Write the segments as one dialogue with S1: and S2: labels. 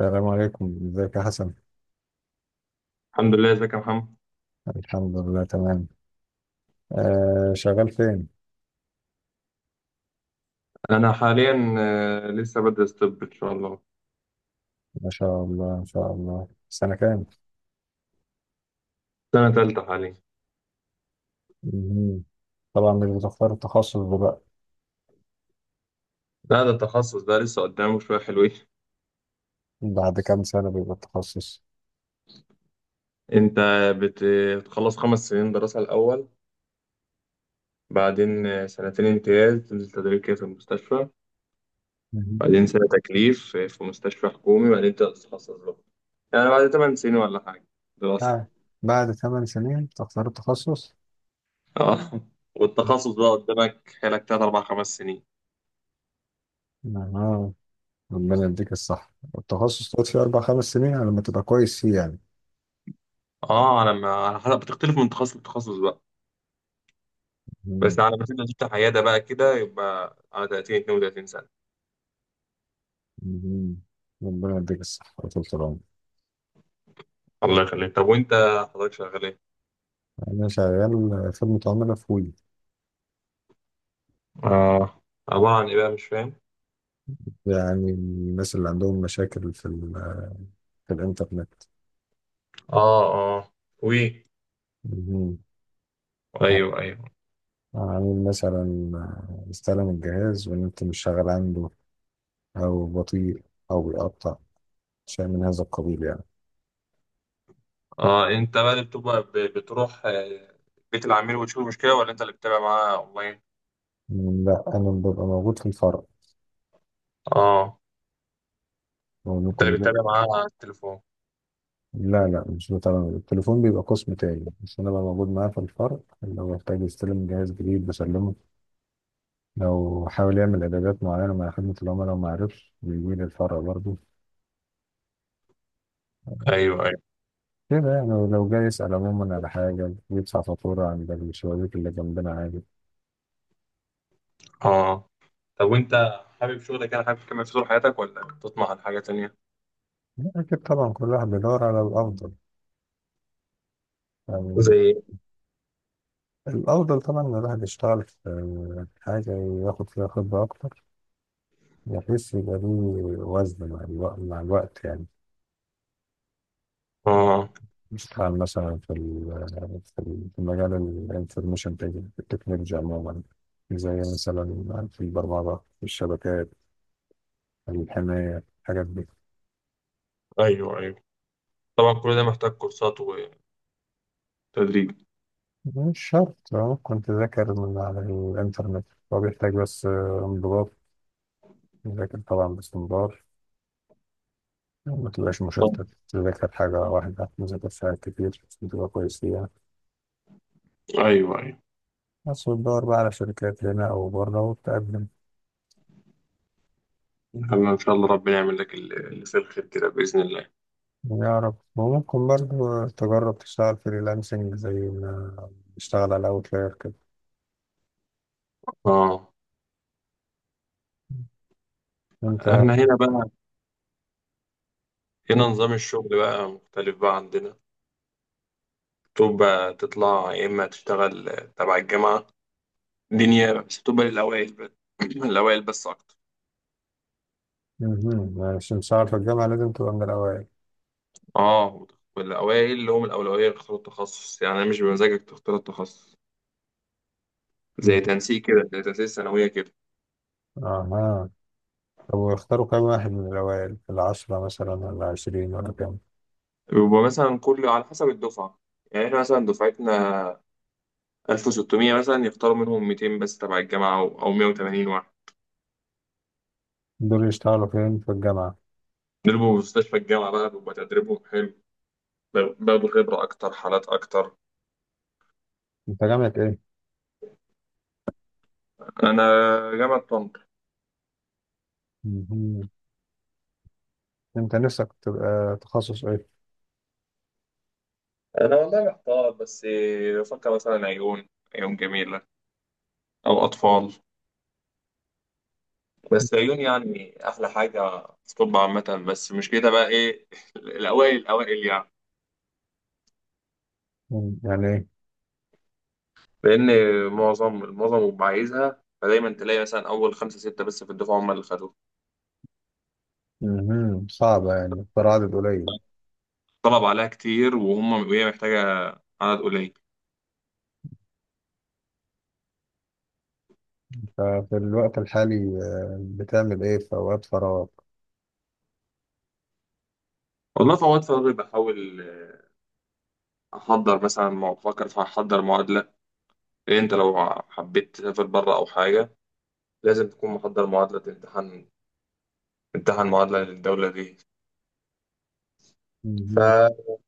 S1: السلام عليكم، ازيك يا حسن.
S2: الحمد لله. ازيك يا محمد؟
S1: الحمد لله تمام. آه، شغال فين؟
S2: انا حاليا لسه بدرس طب ان شاء الله.
S1: ما شاء الله ما شاء الله، سنة كام؟
S2: سنه تالتة حاليا.
S1: مهم. طبعا مش بتختار التخصص دلوقتي.
S2: لا، ده التخصص ده لسه قدامه شويه حلوين.
S1: بعد كام سنة بيبقى التخصص؟
S2: انت بت- بتخلص 5 سنين دراسه الاول، بعدين سنتين امتياز تنزل تدريب كده في المستشفى،
S1: مهم.
S2: بعدين سنه تكليف في مستشفى حكومي، بعدين تبدا تتخصص بقى. يعني بعد 8 سنين ولا حاجه دراسه.
S1: آه. بعد ثمان سنين تختار التخصص.
S2: اه. والتخصص بقى قدامك حالك تلات اربع خمس سنين.
S1: آه. ربنا يديك الصحة، التخصص تقعد فيه أربع خمس سنين على ما تبقى كويس فيه يعني.
S2: اه، انا ما على حسب بتختلف من تخصص لتخصص.
S1: مهم.
S2: بس على ما تبدا تفتح عياده بقى كده يبقى على 30 32 سنه.
S1: مهم. ربنا يديك الصحة وطول العمر.
S2: الله يخليك. طب وانت حضرتك شغال ايه؟
S1: أنا شغال في المتعاملة في وي.
S2: اه، عباره عن ايه بقى؟ مش فاهم.
S1: يعني الناس اللي عندهم مشاكل في في الإنترنت.
S2: اه اه. وي.
S1: مهم.
S2: ايوه ايوه.
S1: عامل مثلا استلم الجهاز والنت مش شغال عنده، أو بطيء، أو بيقطع، شيء من هذا القبيل يعني.
S2: اه، انت بقى اللي بتبقى بتروح بيت العميل وتشوف المشكله، ولا انت اللي بتتابع معاه اونلاين؟
S1: لا أنا ببقى موجود في الفرع.
S2: اه، انت
S1: وممكن
S2: اللي
S1: يكون.
S2: بتتابع معاه على التليفون.
S1: لا مش بتابع التليفون، بيبقى قسم تاني، بس أنا ببقى موجود معاه في الفرع. لو احتاج يستلم جهاز جديد بسلمه. لو حاول يعمل إعدادات معينة مع خدمة العملاء وما عرفش بيجي لي الفرع برضه.
S2: ايوه ايوه.
S1: كده يعني، لو جاي يسأل عموما على حاجة، يدفع فاتورة عند الشبابيك اللي جنبنا عادي.
S2: اه. طب وانت حابب شغلك؟ يعني حابب تكمل في طول حياتك، ولا تطمح لحاجه تانيه؟
S1: أكيد طبعا، كل واحد بيدور على الأفضل يعني.
S2: زي.
S1: الأفضل طبعا إن الواحد يشتغل في حاجة ياخد فيها خبرة أكتر، بحيث يبقى ليه وزن مع الوقت، مع الوقت يعني.
S2: اه.
S1: يشتغل مثلا في في في مجال الانفورميشن تكنولوجي عموما. زي مثلا في البرمجة، في الشبكات، الحماية، الحاجات دي.
S2: ايوه ايوه. طبعا كل ده محتاج كورسات وتدريب.
S1: مش شرط، اه كنت ذاكر من على الإنترنت. هو بيحتاج بس انضباط. ذاكر طبعا باستمرار، ما تبقاش مشتت. تذاكر حاجة واحدة، ما تذاكرش حاجات كتير عشان تبقى كويس فيها.
S2: ايوه ايوه.
S1: بس وتدور بقى على شركات هنا أو بره وتقدم.
S2: احنا ان شاء الله ربنا يعمل لك اللي في الخير كده باذن الله.
S1: يا رب. وممكن برضه تجرب تشتغل فريلانسنج، زي ما بتشتغل على أوتلاير كده.
S2: اه.
S1: أنت.
S2: احنا هنا بقى، هنا نظام الشغل بقى مختلف بقى عندنا. تبقى تطلع يا اما تشتغل تبع الجامعه. دي نيابه، بس تبقى للاوائل بس. الاوائل بس اكتر.
S1: مهم. عشان تشتغل في الجامعة لازم تبقى من الأوائل.
S2: اه، والاوائل اللي هم الاولويه يختاروا التخصص، يعني مش بمزاجك تختار التخصص.
S1: مهم.
S2: زي تنسيق كده، زي تنسيق الثانويه كده.
S1: أها. طب واختاروا كام واحد من الأوائل؟ العشرة مثلا ولا عشرين ولا كام؟
S2: بيبقى مثلا كل على حسب الدفعه. يعني احنا مثلا دفعتنا 1600 مثلا، يختاروا منهم 200 بس تبع الجامعة، أو 180 واحد.
S1: دول يشتغلوا فين في الجامعة؟
S2: بيضربوا في مستشفى الجامعة بقى، بيبقى تدريبهم حلو، بياخدوا خبرة أكتر، حالات أكتر.
S1: أنت جامعة إيه؟
S2: أنا جامعة طنطا.
S1: مهم. أنت نفسك تبقى تخصص إيه؟
S2: أنا والله محتار، بس بفكر مثلا عيون. عيون جميلة، أو أطفال. بس عيون يعني أحلى حاجة في طب عامة، بس مش كده بقى إيه الأوائل الأوائل يعني.
S1: مم. يعني إيه؟
S2: لأن معظم اللي عايزها، فدايما تلاقي مثلا أول خمسة ستة بس في الدفعة هم اللي خدوها.
S1: مهم. صعبة يعني، مختار عدد قليل.
S2: طلب عليها كتير، وهم وهي محتاجة عدد قليل.
S1: ففي الوقت الحالي، بتعمل إيه في أوقات فراغ؟
S2: والله في أوقات فراغي بحاول أحضر مثلا بفكر في أحضر معادلة. لأن أنت لو حبيت تسافر بره أو حاجة لازم تكون محضر معادلة، تمتحن معادلة للدولة دي.
S1: مهم.
S2: فماشي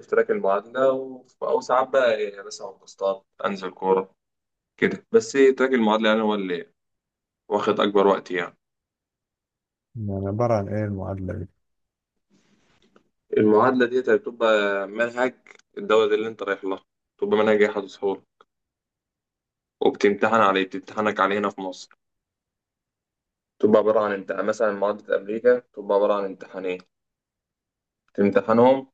S2: في تراك المعادلة أو ساعات بقى يعني مثلا بسطات أنزل كورة كده، بس تراك المعادلة يعني هو اللي واخد أكبر وقت يعني.
S1: يعني عبارة عن إيه المعادلة دي؟
S2: المعادلة دي بتبقى منهج الدولة دي اللي أنت رايح لها. بتبقى منهج أحد سهولة، وبتمتحن عليه، بتمتحنك عليه هنا في مصر. تبقى عبارة عن امتحان. مثلا معادلة أمريكا تبقى عبارة عن امتحانين بتمتحنهم،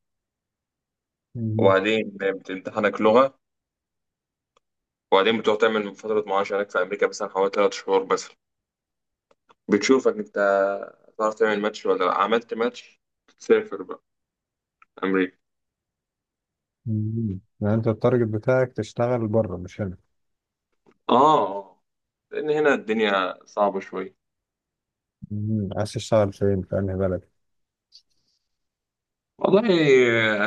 S1: مهم.
S2: وبعدين بتمتحنك لغة. وبعدين بتروح تعمل فترة معاش هناك في أمريكا مثلا حوالي 3 شهور مثلا. بتشوفك أنت هتعرف تعمل ماتش ولا لأ. عملت ماتش تسافر بقى أمريكا.
S1: مهم. يعني أنت التارجت بتاعك تشتغل بره مش هنا؟
S2: آه. لأن هنا الدنيا صعبة شوية.
S1: مهم. عايز تشتغل فين؟ في أنهي بلد؟
S2: والله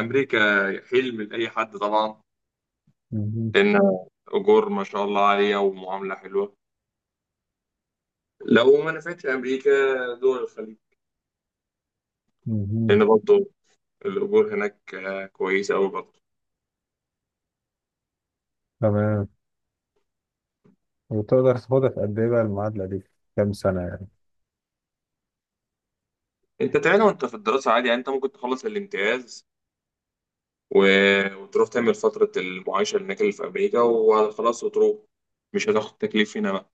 S2: أمريكا حلم لأي حد طبعا.
S1: مهم.
S2: لأن أجور ما شاء الله عالية ومعاملة حلوة. لو ما نفعتش أمريكا، دول الخليج.
S1: مهم.
S2: لان برضه الاجور هناك كويسه قوي برضه.
S1: تمام. وتقدر تاخدها في قد إيه بقى المعادلة دي؟ كام سنة يعني؟
S2: انت تعالى وانت في الدراسه عادي، يعني انت ممكن تخلص الامتياز و... وتروح تعمل فتره المعايشه هناك اللي في امريكا وخلاص، وتروح. مش هتاخد تكليف هنا بقى،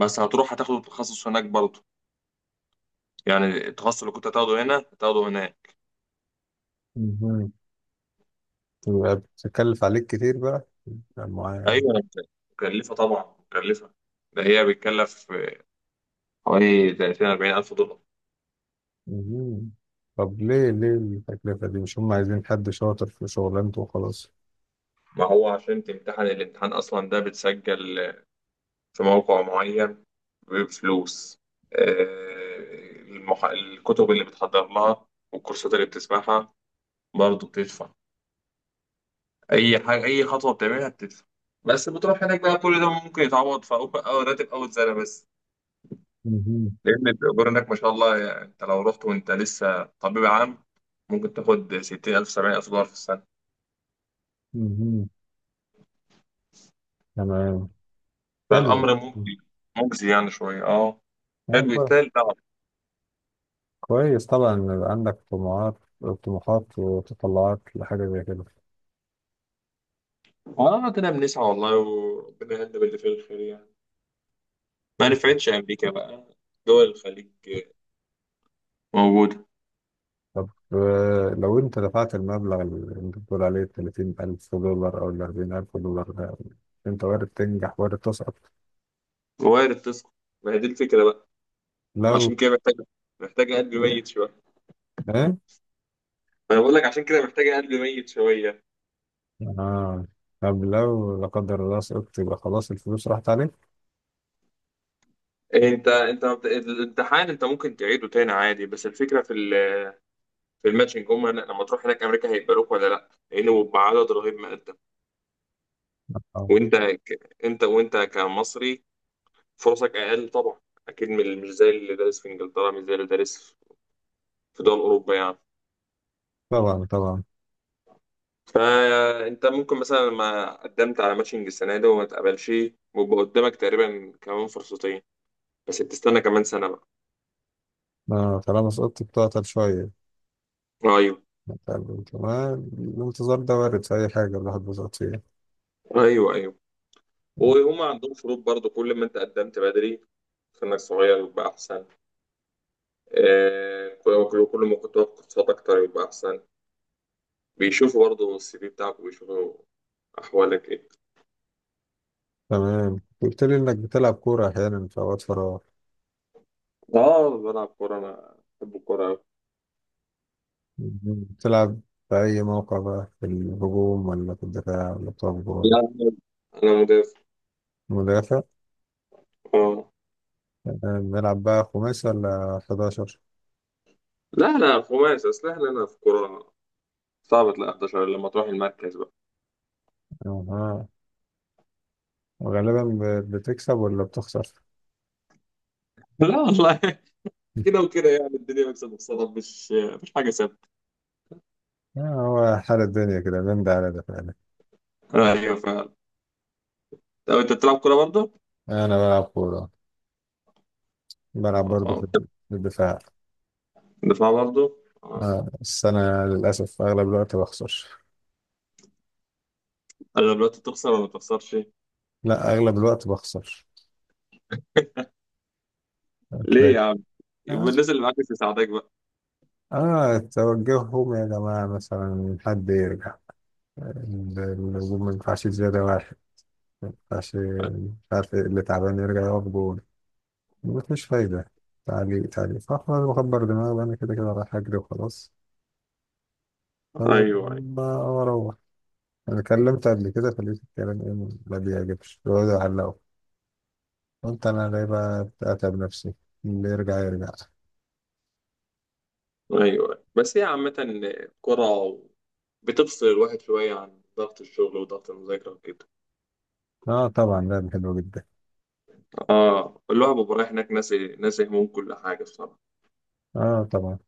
S2: بس هتروح هتاخد التخصص هناك برضه. يعني التخصص اللي كنت هتاخده هنا هتاخده هناك.
S1: مهم. يبقى بتكلف عليك كتير بقى المعادلة.
S2: ايوه. مكلفه طبعا، مكلفه. ده هي بتكلف حوالي 30 40 الف دولار.
S1: مهم. طب ليه التكلفة دي؟ مش هم عايزين حد شاطر في شغلانته وخلاص؟
S2: ما هو عشان تمتحن الامتحان اصلا ده بتسجل في موقع معين بفلوس. الكتب اللي بتحضر لها والكورسات اللي بتسمعها برضه بتدفع. أي حاجة، أي خطوة بتعملها بتدفع. بس بتروح هناك بقى كل ده ممكن يتعوض في أول أو راتب أول سنة بس.
S1: مهم.
S2: لأن الأجور هناك ما شاء الله، يعني أنت لو رحت وأنت لسه طبيب عام ممكن تاخد 60000 $70,000 في السنة.
S1: مهم. تمام. حلو.
S2: فالأمر مجزي، مجزي يعني شوية أه. حلو
S1: كويس.
S2: يستاهل تعب.
S1: كويس طبعا إن يبقى عندك طموحات، طموحات وتطلعات لحاجة زي كده.
S2: اه، ربنا بنسعى والله، وربنا يهدي باللي فيه الخير يعني. ما نفعتش أمريكا بقى، دول الخليج موجودة.
S1: طب لو انت دفعت المبلغ اللي انت بتقول عليه $30,000 او ال $40,000 ده، انت وارد تنجح وارد تسقط.
S2: وارد تسقط. ما هي دي الفكرة بقى.
S1: لو
S2: وعشان كده محتاجة قلب ميت شوية.
S1: ايه.
S2: ما أنا بقول لك عشان كده محتاجة قلب ميت شوية.
S1: اه. طب لو لا قدر الله سقطت، يبقى خلاص الفلوس راحت عليك؟
S2: أنت ما بت- الامتحان أنت ممكن تعيده تاني عادي، بس الفكرة في الماتشنج. لما تروح هناك أمريكا هيقبلوك ولا لأ، لأنه بعدد رهيب مقدم.
S1: اه.
S2: وأنت ك- أنت وأنت كمصري فرصك أقل طبعا، أكيد مش زي اللي دارس في إنجلترا، مش زي اللي دارس في دول أوروبا يعني.
S1: طبعا طبعا.
S2: فانت ممكن مثلا لما قدمت على ماتشنج السنه دي وما تقبلش، ويبقى قدامك تقريبا كمان فرصتين، بس بتستنى كمان سنه بقى.
S1: آه طالما سقطت بتعطل شوية.
S2: ايوه
S1: طب تمام، الانتظار ده وارد في أي حاجة الواحد بيسقط فيها.
S2: ايوه ايوه. وهم عندهم شروط برضو. كل ما انت قدمت بدري سنك صغير يبقى احسن. كل ما كنت واخد كورسات اكتر يبقى احسن. بيشوفوا برضو السي في بتاعك، وبيشوفوا احوالك ايه.
S1: تمام. قلت لي إنك بتلعب كورة أحيانا في أوقات فراغ.
S2: اه، بلعب كوره، انا بحب الكوره أوي.
S1: بتلعب في أي موقع بقى؟ في الهجوم ولا في الدفاع ولا بتقف جول؟
S2: لا، انا مدافع.
S1: مدافع.
S2: اه.
S1: بنلعب بقى خماسي ولا 11؟
S2: لا لا، خماسي اصل احنا هنا في كوره صعب تلاقي 11 لما تروح المركز بقى.
S1: اه. وغالبا بتكسب ولا بتخسر؟
S2: لا والله، كده وكده يعني. الدنيا مكسب وخسارة، مش حاجة ثابتة.
S1: هو حال الدنيا كده، بين ده على ده فعلا.
S2: ايوه فعلا. طب انت بتلعب كوره برضه؟
S1: انا بلعب كورة، بلعب برضه في
S2: اه.
S1: في الدفاع.
S2: دفاع برضه؟ آه.
S1: بس انا للاسف اغلب الوقت بخسر.
S2: انا دلوقتي تخسر ولا ما تخسرش؟
S1: لا اغلب الوقت بخسر.
S2: ليه
S1: هتلاقي.
S2: يا عم؟
S1: اه.
S2: يبقى الناس اللي معاك مش مساعداك بقى.
S1: توجههم يا جماعة مثلا، حد يرجع، الهجوم ما ينفعش زيادة واحد، ما ينفعش، مش عارف إيه اللي تعبان يرجع يقف جون. مفيش فايدة. تعليق تعليق فأخرج بكبر دماغي، وأنا كده كده رايح أجري وخلاص،
S2: ايوه ايوه
S1: فبكلم بقى وأروح. أنا كلمت قبل كده فلقيت الكلام إيه ما بيعجبش، بيقعدوا يعلقوا. قلت أنا ليه بقى أتعب نفسي، اللي يرجع يرجع.
S2: ايوه. بس هي عامة كرة بتفصل الواحد شوية عن ضغط الشغل وضغط المذاكرة وكده.
S1: آه طبعا، لعبة حلوة جدا.
S2: اه، الواحد بيبقى رايح هناك ناسي، ناسي هموم كل حاجة بصراحة.
S1: آه طبعا.